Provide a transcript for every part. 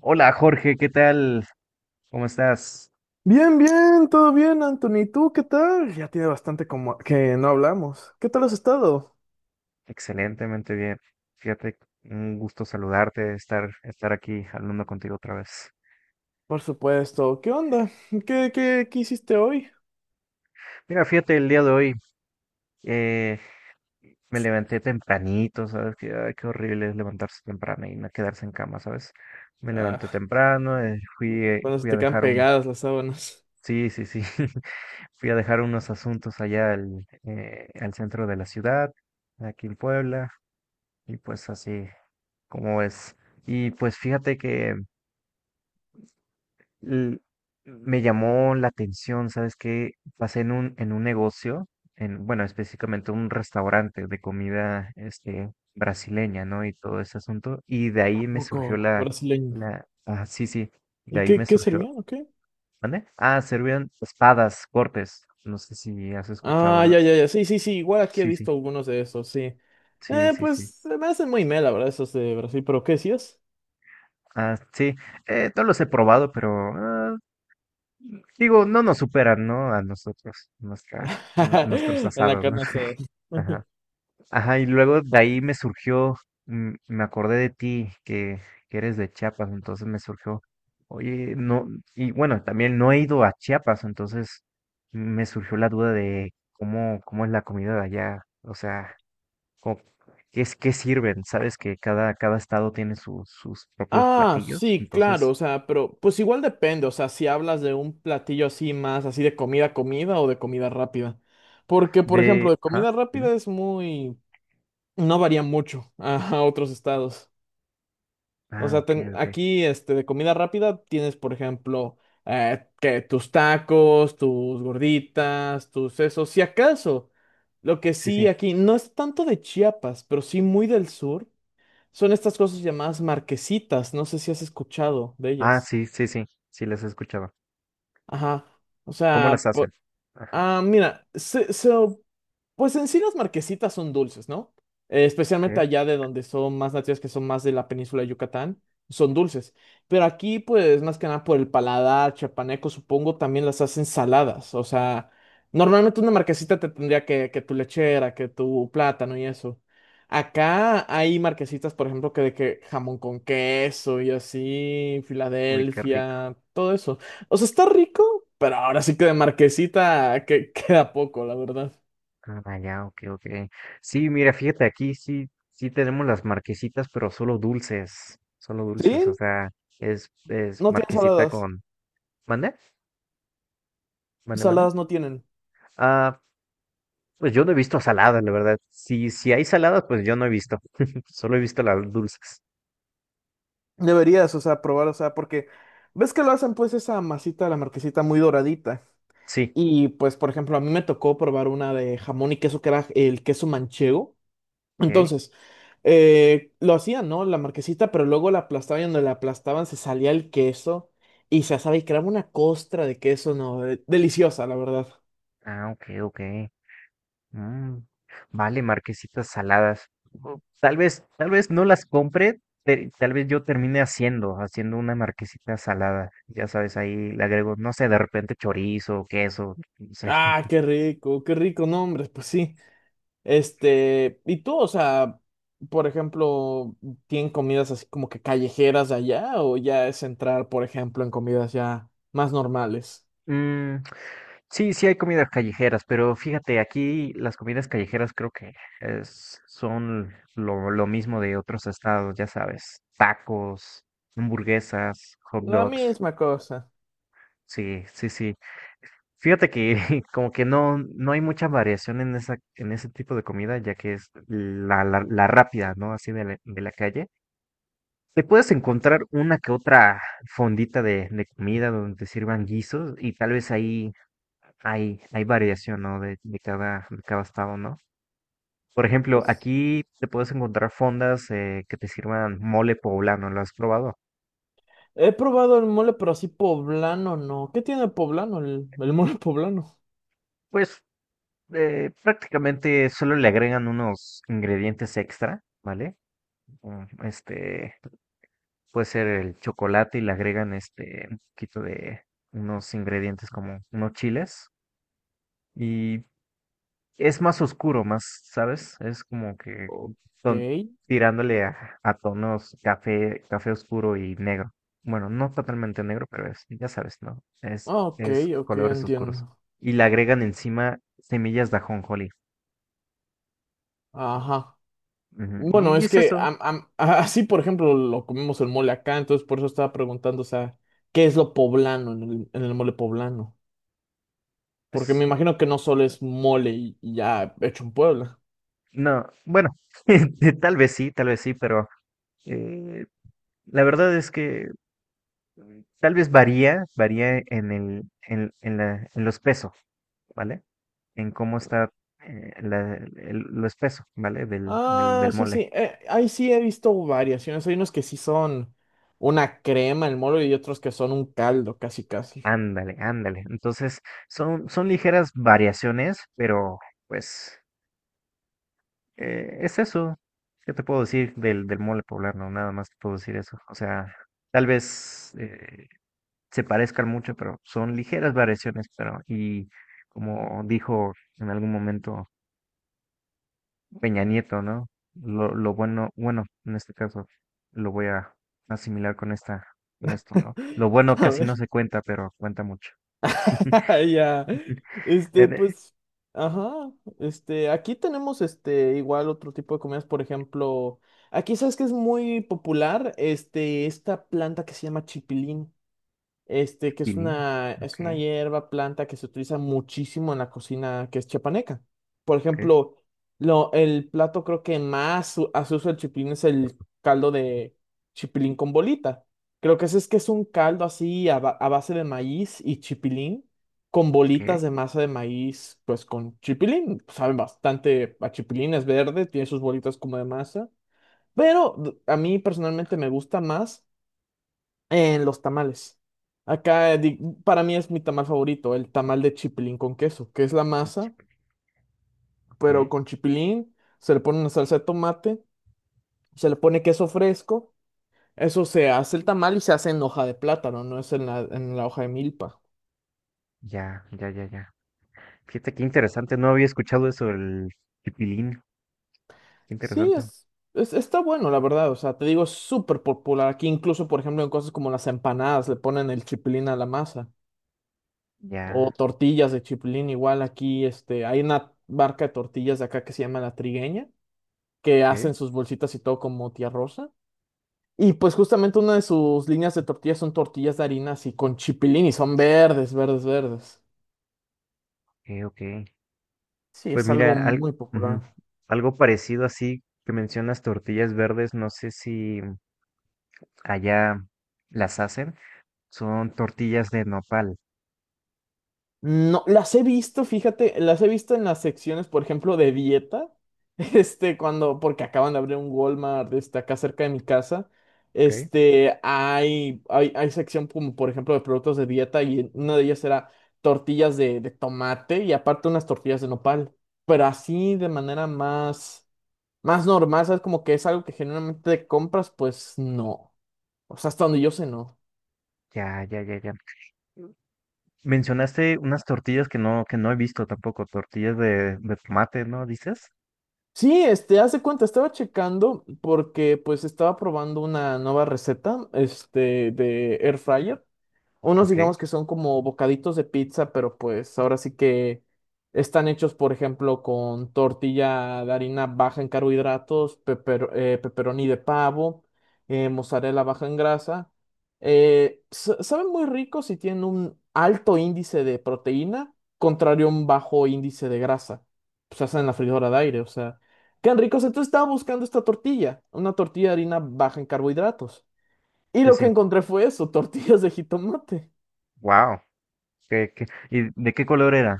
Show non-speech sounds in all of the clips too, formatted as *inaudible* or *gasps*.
Hola Jorge, ¿qué tal? ¿Cómo estás? Bien, bien, todo bien, Anthony. ¿Y tú qué tal? Ya tiene bastante como que no hablamos. ¿Qué tal has estado? Excelentemente bien. Fíjate, un gusto saludarte, estar aquí hablando contigo otra vez. Por supuesto. ¿Qué onda? ¿Qué hiciste hoy? Mira, fíjate, el día de hoy eh, me levanté tempranito, ¿sabes? Que, ay, qué horrible es levantarse temprano y no quedarse en cama, ¿sabes? Me Ah, levanté temprano, cuando se fui a te quedan dejar un... pegadas las sábanas. Sí, sí, sí. *laughs* Fui a dejar unos asuntos allá al, al centro de la ciudad, aquí en Puebla, y pues así. ¿Cómo es? Y pues fíjate que l- me llamó la atención, ¿sabes qué? Pasé en un negocio, en, bueno, específicamente un restaurante de comida, este, brasileña, ¿no? Y todo ese asunto. Y de ¿A ahí me surgió poco brasileño? Sí, sí, de ¿Y ahí qué, me qué surgió, servían o qué? ¿dónde? Ah, servían espadas, cortes. No sé si has escuchado Ah, ya, las. ya, ya. Sí, sí, sí. Igual aquí he Sí, sí, visto algunos de esos, sí. sí, sí, Pues sí. se me hacen muy mela, ¿verdad? Esos de Brasil, pero ¿qué decías? Ah, sí, no los he probado, pero ah, digo, no nos superan, ¿no? A nosotros, nuestros *laughs* En la asados, ¿no? carne asada. *laughs* Ajá. *laughs* Ajá, y luego de ahí me surgió, me acordé de ti, que eres de Chiapas, entonces me surgió, oye, no, y bueno, también no he ido a Chiapas, entonces me surgió la duda de cómo es la comida de allá, o sea, cómo- qué es, qué sirven, sabes que cada estado tiene sus propios Ah, platillos, sí, claro, o entonces, sea, pero pues igual depende, o sea, si hablas de un platillo así más, así de comida, comida o de comida rápida. Porque, por de, ejemplo, de ajá, comida dime. rápida es muy, no varía mucho a, *laughs* a otros estados. O Ah, sea, ok, ok. aquí, este, de comida rápida tienes, por ejemplo, que tus tacos, tus gorditas, tus esos, si acaso, lo que Sí, sí. sí aquí, no es tanto de Chiapas, pero sí muy del sur. Son estas cosas llamadas marquesitas, no sé si has escuchado de Ah, ellas. sí, sí, sí, sí las he escuchado. Ajá. O ¿Cómo las sea, po- hacen? Ajá, Ah, mira, pues en sí las marquesitas son dulces, ¿no? Especialmente ok. allá de donde son más nativas, que son más de la península de Yucatán, son dulces. Pero aquí, pues más que nada por el paladar chapaneco, supongo, también las hacen saladas. O sea, normalmente una marquesita te tendría que tu lechera, que tu plátano y eso. Acá hay marquesitas, por ejemplo, que de que jamón con queso y así, Uy, qué rico. Filadelfia, todo eso. O sea, está rico, pero ahora sí que de marquesita que *laughs* queda poco, la verdad. Ah, ya, ok, ok. Sí, mira, fíjate, aquí sí, sí tenemos las marquesitas, pero solo dulces, o Sí, sea, es no tiene marquesita saladas. con... ¿Mande? ¿Mande, mande? Saladas no tienen. Ah, pues yo no he visto saladas, la verdad. Si hay saladas, pues yo no he visto. *laughs* Solo he visto las dulces. Deberías, o sea, probar, o sea, porque ves que lo hacen pues esa masita de la marquesita muy doradita. Sí. Y pues, por ejemplo, a mí me tocó probar una de jamón y queso que era el queso manchego. ¿Qué? Entonces, lo hacían, ¿no? La marquesita, pero luego la aplastaban y donde la aplastaban se salía el queso y se asaba y creaba una costra de queso, ¿no? Deliciosa, la verdad. Ah, ok, ok. Mm, vale, marquesitas saladas. O tal vez, tal vez no las compre, tal vez yo termine haciendo una marquesita salada. Ya sabes, ahí le agrego, no sé, de repente chorizo, queso, no sé. Ah, qué rico, no, hombre, pues sí. Este, y tú, o sea, por ejemplo, ¿tienen comidas así como que callejeras de allá o ya es entrar, por ejemplo, en comidas ya más normales? Mm, sí, sí hay comidas callejeras, pero fíjate, aquí las comidas callejeras creo que son lo mismo de otros estados, ya sabes, tacos, hamburguesas, hot La dogs. misma cosa. Sí, sí, sí. Fíjate que *laughs* como que no, no hay mucha variación en esa, en ese tipo de comida, ya que es la rápida, ¿no? Así de la calle. Te puedes encontrar una que otra fondita de comida donde te sirvan guisos y tal vez ahí hay variación, ¿no? De cada estado, ¿no? Por ejemplo, Pues, aquí te puedes encontrar fondas que te sirvan mole poblano, ¿lo has probado? he probado el mole, pero así poblano, ¿no? ¿Qué tiene poblano, el mole poblano? Pues prácticamente solo le agregan unos ingredientes extra, ¿vale? Este puede ser el chocolate y le agregan este un poquito de unos ingredientes como unos chiles y es más oscuro, más, ¿sabes? Es como que Ok, son tirándole a tonos café, café oscuro y negro. Bueno, no totalmente negro, pero es, ya sabes, ¿no? Es, ok, es ok, colores oscuros. entiendo. Y le agregan encima semillas de ajonjolí. Ajá. Ujú, Bueno, y es es que eso. *laughs* Así, por ejemplo, lo comemos el mole acá, entonces por eso estaba preguntando, o sea, ¿qué es lo poblano en el mole poblano? Porque me Es, imagino que no solo es mole y ya hecho en Puebla. no, bueno, *laughs* tal vez sí, pero eh, la verdad es que tal vez varía en el, en la, en los pesos, ¿vale? En cómo está los pesos, ¿vale? Del, del, Ah, del sí, mole. sí, ahí sí he visto variaciones, hay unos que sí son una crema el mole y otros que son un caldo, casi, casi. Ándale, ándale. Entonces, son ligeras variaciones, pero pues es eso. ¿Qué te puedo decir del mole poblano? Nada más te puedo decir eso. O sea, tal vez se parezcan mucho, pero son ligeras variaciones, pero y como dijo en algún momento Peña Nieto, ¿no? Lo bueno, bueno, en este caso, lo voy a asimilar con esta, con esto, ¿no? Lo *laughs* bueno A casi ver. no se cuenta, pero cuenta mucho. *laughs* *laughs* Ya. Este, En- eh, pues, ajá. Este, aquí tenemos este igual otro tipo de comidas, por ejemplo, aquí sabes que es muy popular, este, esta planta que se llama chipilín este, que Pilín, es una ok, hierba, planta que se utiliza muchísimo en la cocina que es chiapaneca. Por ok, ejemplo, lo, el plato creo que más hace uso el chipilín es el caldo de chipilín con bolita. Creo que ese es que es un caldo así a base de maíz y chipilín con ok, bolitas de masa de maíz, pues con chipilín. Saben bastante a chipilín, es verde, tiene sus bolitas como de masa. Pero a mí personalmente me gusta más. En los tamales. Acá para mí es mi tamal favorito, el tamal de chipilín con queso, que es la masa, pero ok, con chipilín, se le pone una salsa de tomate, se le pone queso fresco, eso se hace el tamal y se hace en hoja de plátano, no es en la hoja de milpa. ya, ya, ya, ya. Fíjate qué interesante, no había escuchado eso del el pilín, qué Sí, interesante. es, está bueno, la verdad, o sea, te digo, es súper popular aquí, incluso por ejemplo en cosas como las empanadas le ponen el chipilín a la masa, o Ya, tortillas de chipilín, igual aquí, este, hay una marca de tortillas de acá que se llama La Trigueña que ok, hacen sus bolsitas y todo como tía Rosa. Y pues justamente una de sus líneas de tortillas son tortillas de harina así con chipilín y son verdes, verdes, verdes. ok, ok. Sí, Pues es algo mira, muy ujú, popular. algo parecido así que mencionas tortillas verdes, no sé si allá las hacen. Son tortillas de nopal, No, las he visto, fíjate, las he visto en las secciones, por ejemplo, de dieta, *laughs* este, cuando, porque acaban de abrir un Walmart, este, acá cerca de mi casa, ¿ok? este, hay sección como, por ejemplo, de productos de dieta y una de ellas era tortillas de tomate y aparte unas tortillas de nopal, pero así de manera más, más normal, ¿sabes? Como que es algo que generalmente compras, pues no, o sea, hasta donde yo sé, no. Ya, ya, ya, ya. Mencionaste unas tortillas que no he visto tampoco, tortillas de tomate, ¿no? ¿Dices? Sí, este, hace cuenta, estaba checando porque pues estaba probando una nueva receta, este, de Air Fryer. Unos Ok, digamos que son como bocaditos de pizza, pero pues ahora sí que están hechos, por ejemplo, con tortilla de harina baja en carbohidratos, pepperoni de pavo, mozzarella baja en grasa. Saben muy ricos y tienen un alto índice de proteína, contrario a un bajo índice de grasa. Pues se hacen en la freidora de aire, o sea, quedan ricos. Entonces estaba buscando esta tortilla, una tortilla de harina baja en carbohidratos. Y sí, lo que sí. encontré fue eso, *laughs* tortillas de jitomate. Wow. ¿Qué, qué? ¿Y de qué color era?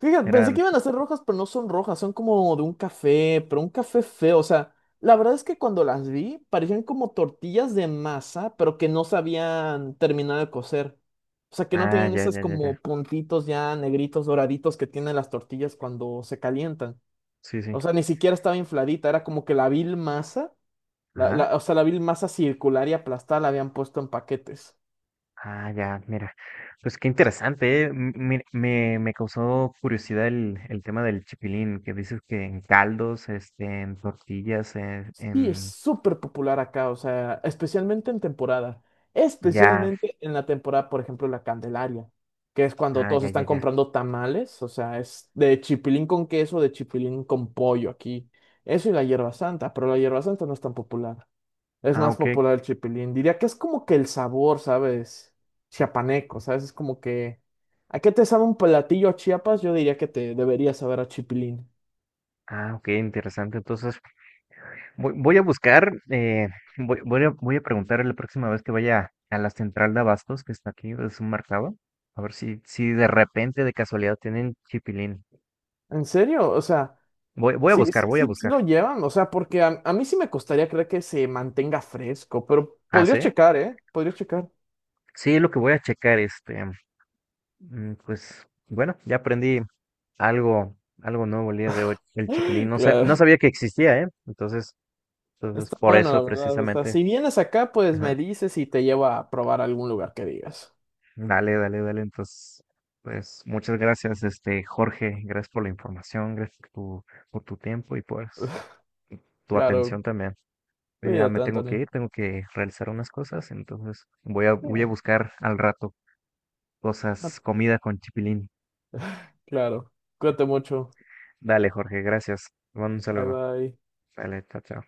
Fíjate, pensé que Eran. iban a ser rojas, pero no son rojas, son como de un café, pero un café feo. O sea, la verdad es que cuando las vi, parecían como tortillas de masa, pero que no sabían terminar de cocer. O sea, que no Ah, tenían ya, esos ya, ya, ya. como puntitos ya negritos, doraditos que tienen las tortillas cuando se calientan. Sí, sí. O sea, ni siquiera estaba infladita, era como que la vil masa, Ajá. O sea, la vil masa circular y aplastada la habían puesto en paquetes. Ah, ya, mira. Pues qué interesante, ¿eh? Me causó curiosidad el tema del chipilín, que dices que en caldos, este, en tortillas, Sí, es en... súper popular acá, o sea, especialmente en temporada, Ya, especialmente en la temporada, por ejemplo, la Candelaria, que es cuando ah, todos ya, ya, están ya. comprando tamales, o sea, es de chipilín con queso, de chipilín con pollo aquí, eso y la hierba santa, pero la hierba santa no es tan popular, es Ah, más ok. popular el chipilín, diría que es como que el sabor, ¿sabes? Chiapaneco, ¿sabes? Es como que, ¿a qué te sabe un platillo a Chiapas? Yo diría que te debería saber a chipilín. Ah, ok, interesante. Entonces, voy a buscar, voy a preguntar la próxima vez que vaya a la central de abastos que está aquí, es un mercado, a ver si de repente, de casualidad, tienen chipilín. ¿En serio? O sea... Voy a Sí, buscar, sí, voy a sí, sí buscar. lo llevan, o sea, porque a mí sí me costaría creer que se mantenga fresco, pero Ah, podría ¿sí? checar, ¿eh? Podría checar. *gasps* Sí, lo que voy a checar, este, pues, bueno, ya aprendí algo, algo nuevo el día de hoy, el chipilín. *laughs* No, Claro. no sabía que existía, ¿eh? Entonces, Está por bueno, la eso verdad. O sea, precisamente. si vienes acá, pues me Ajá. dices y te llevo a probar algún lugar que digas. Dale, dale, dale. Entonces, pues muchas gracias, este Jorge. Gracias por la información, gracias por tu tiempo y pues *laughs* tu Claro, atención también. Ya cuídate, me tengo que Anthony. ir, tengo que realizar unas cosas, entonces voy a Sí, buscar al rato no, cosas, comida con chipilín. claro. Cuídate mucho. Dale, Jorge, gracias. Te mando un Bye saludo. bye. Dale, chao, chao.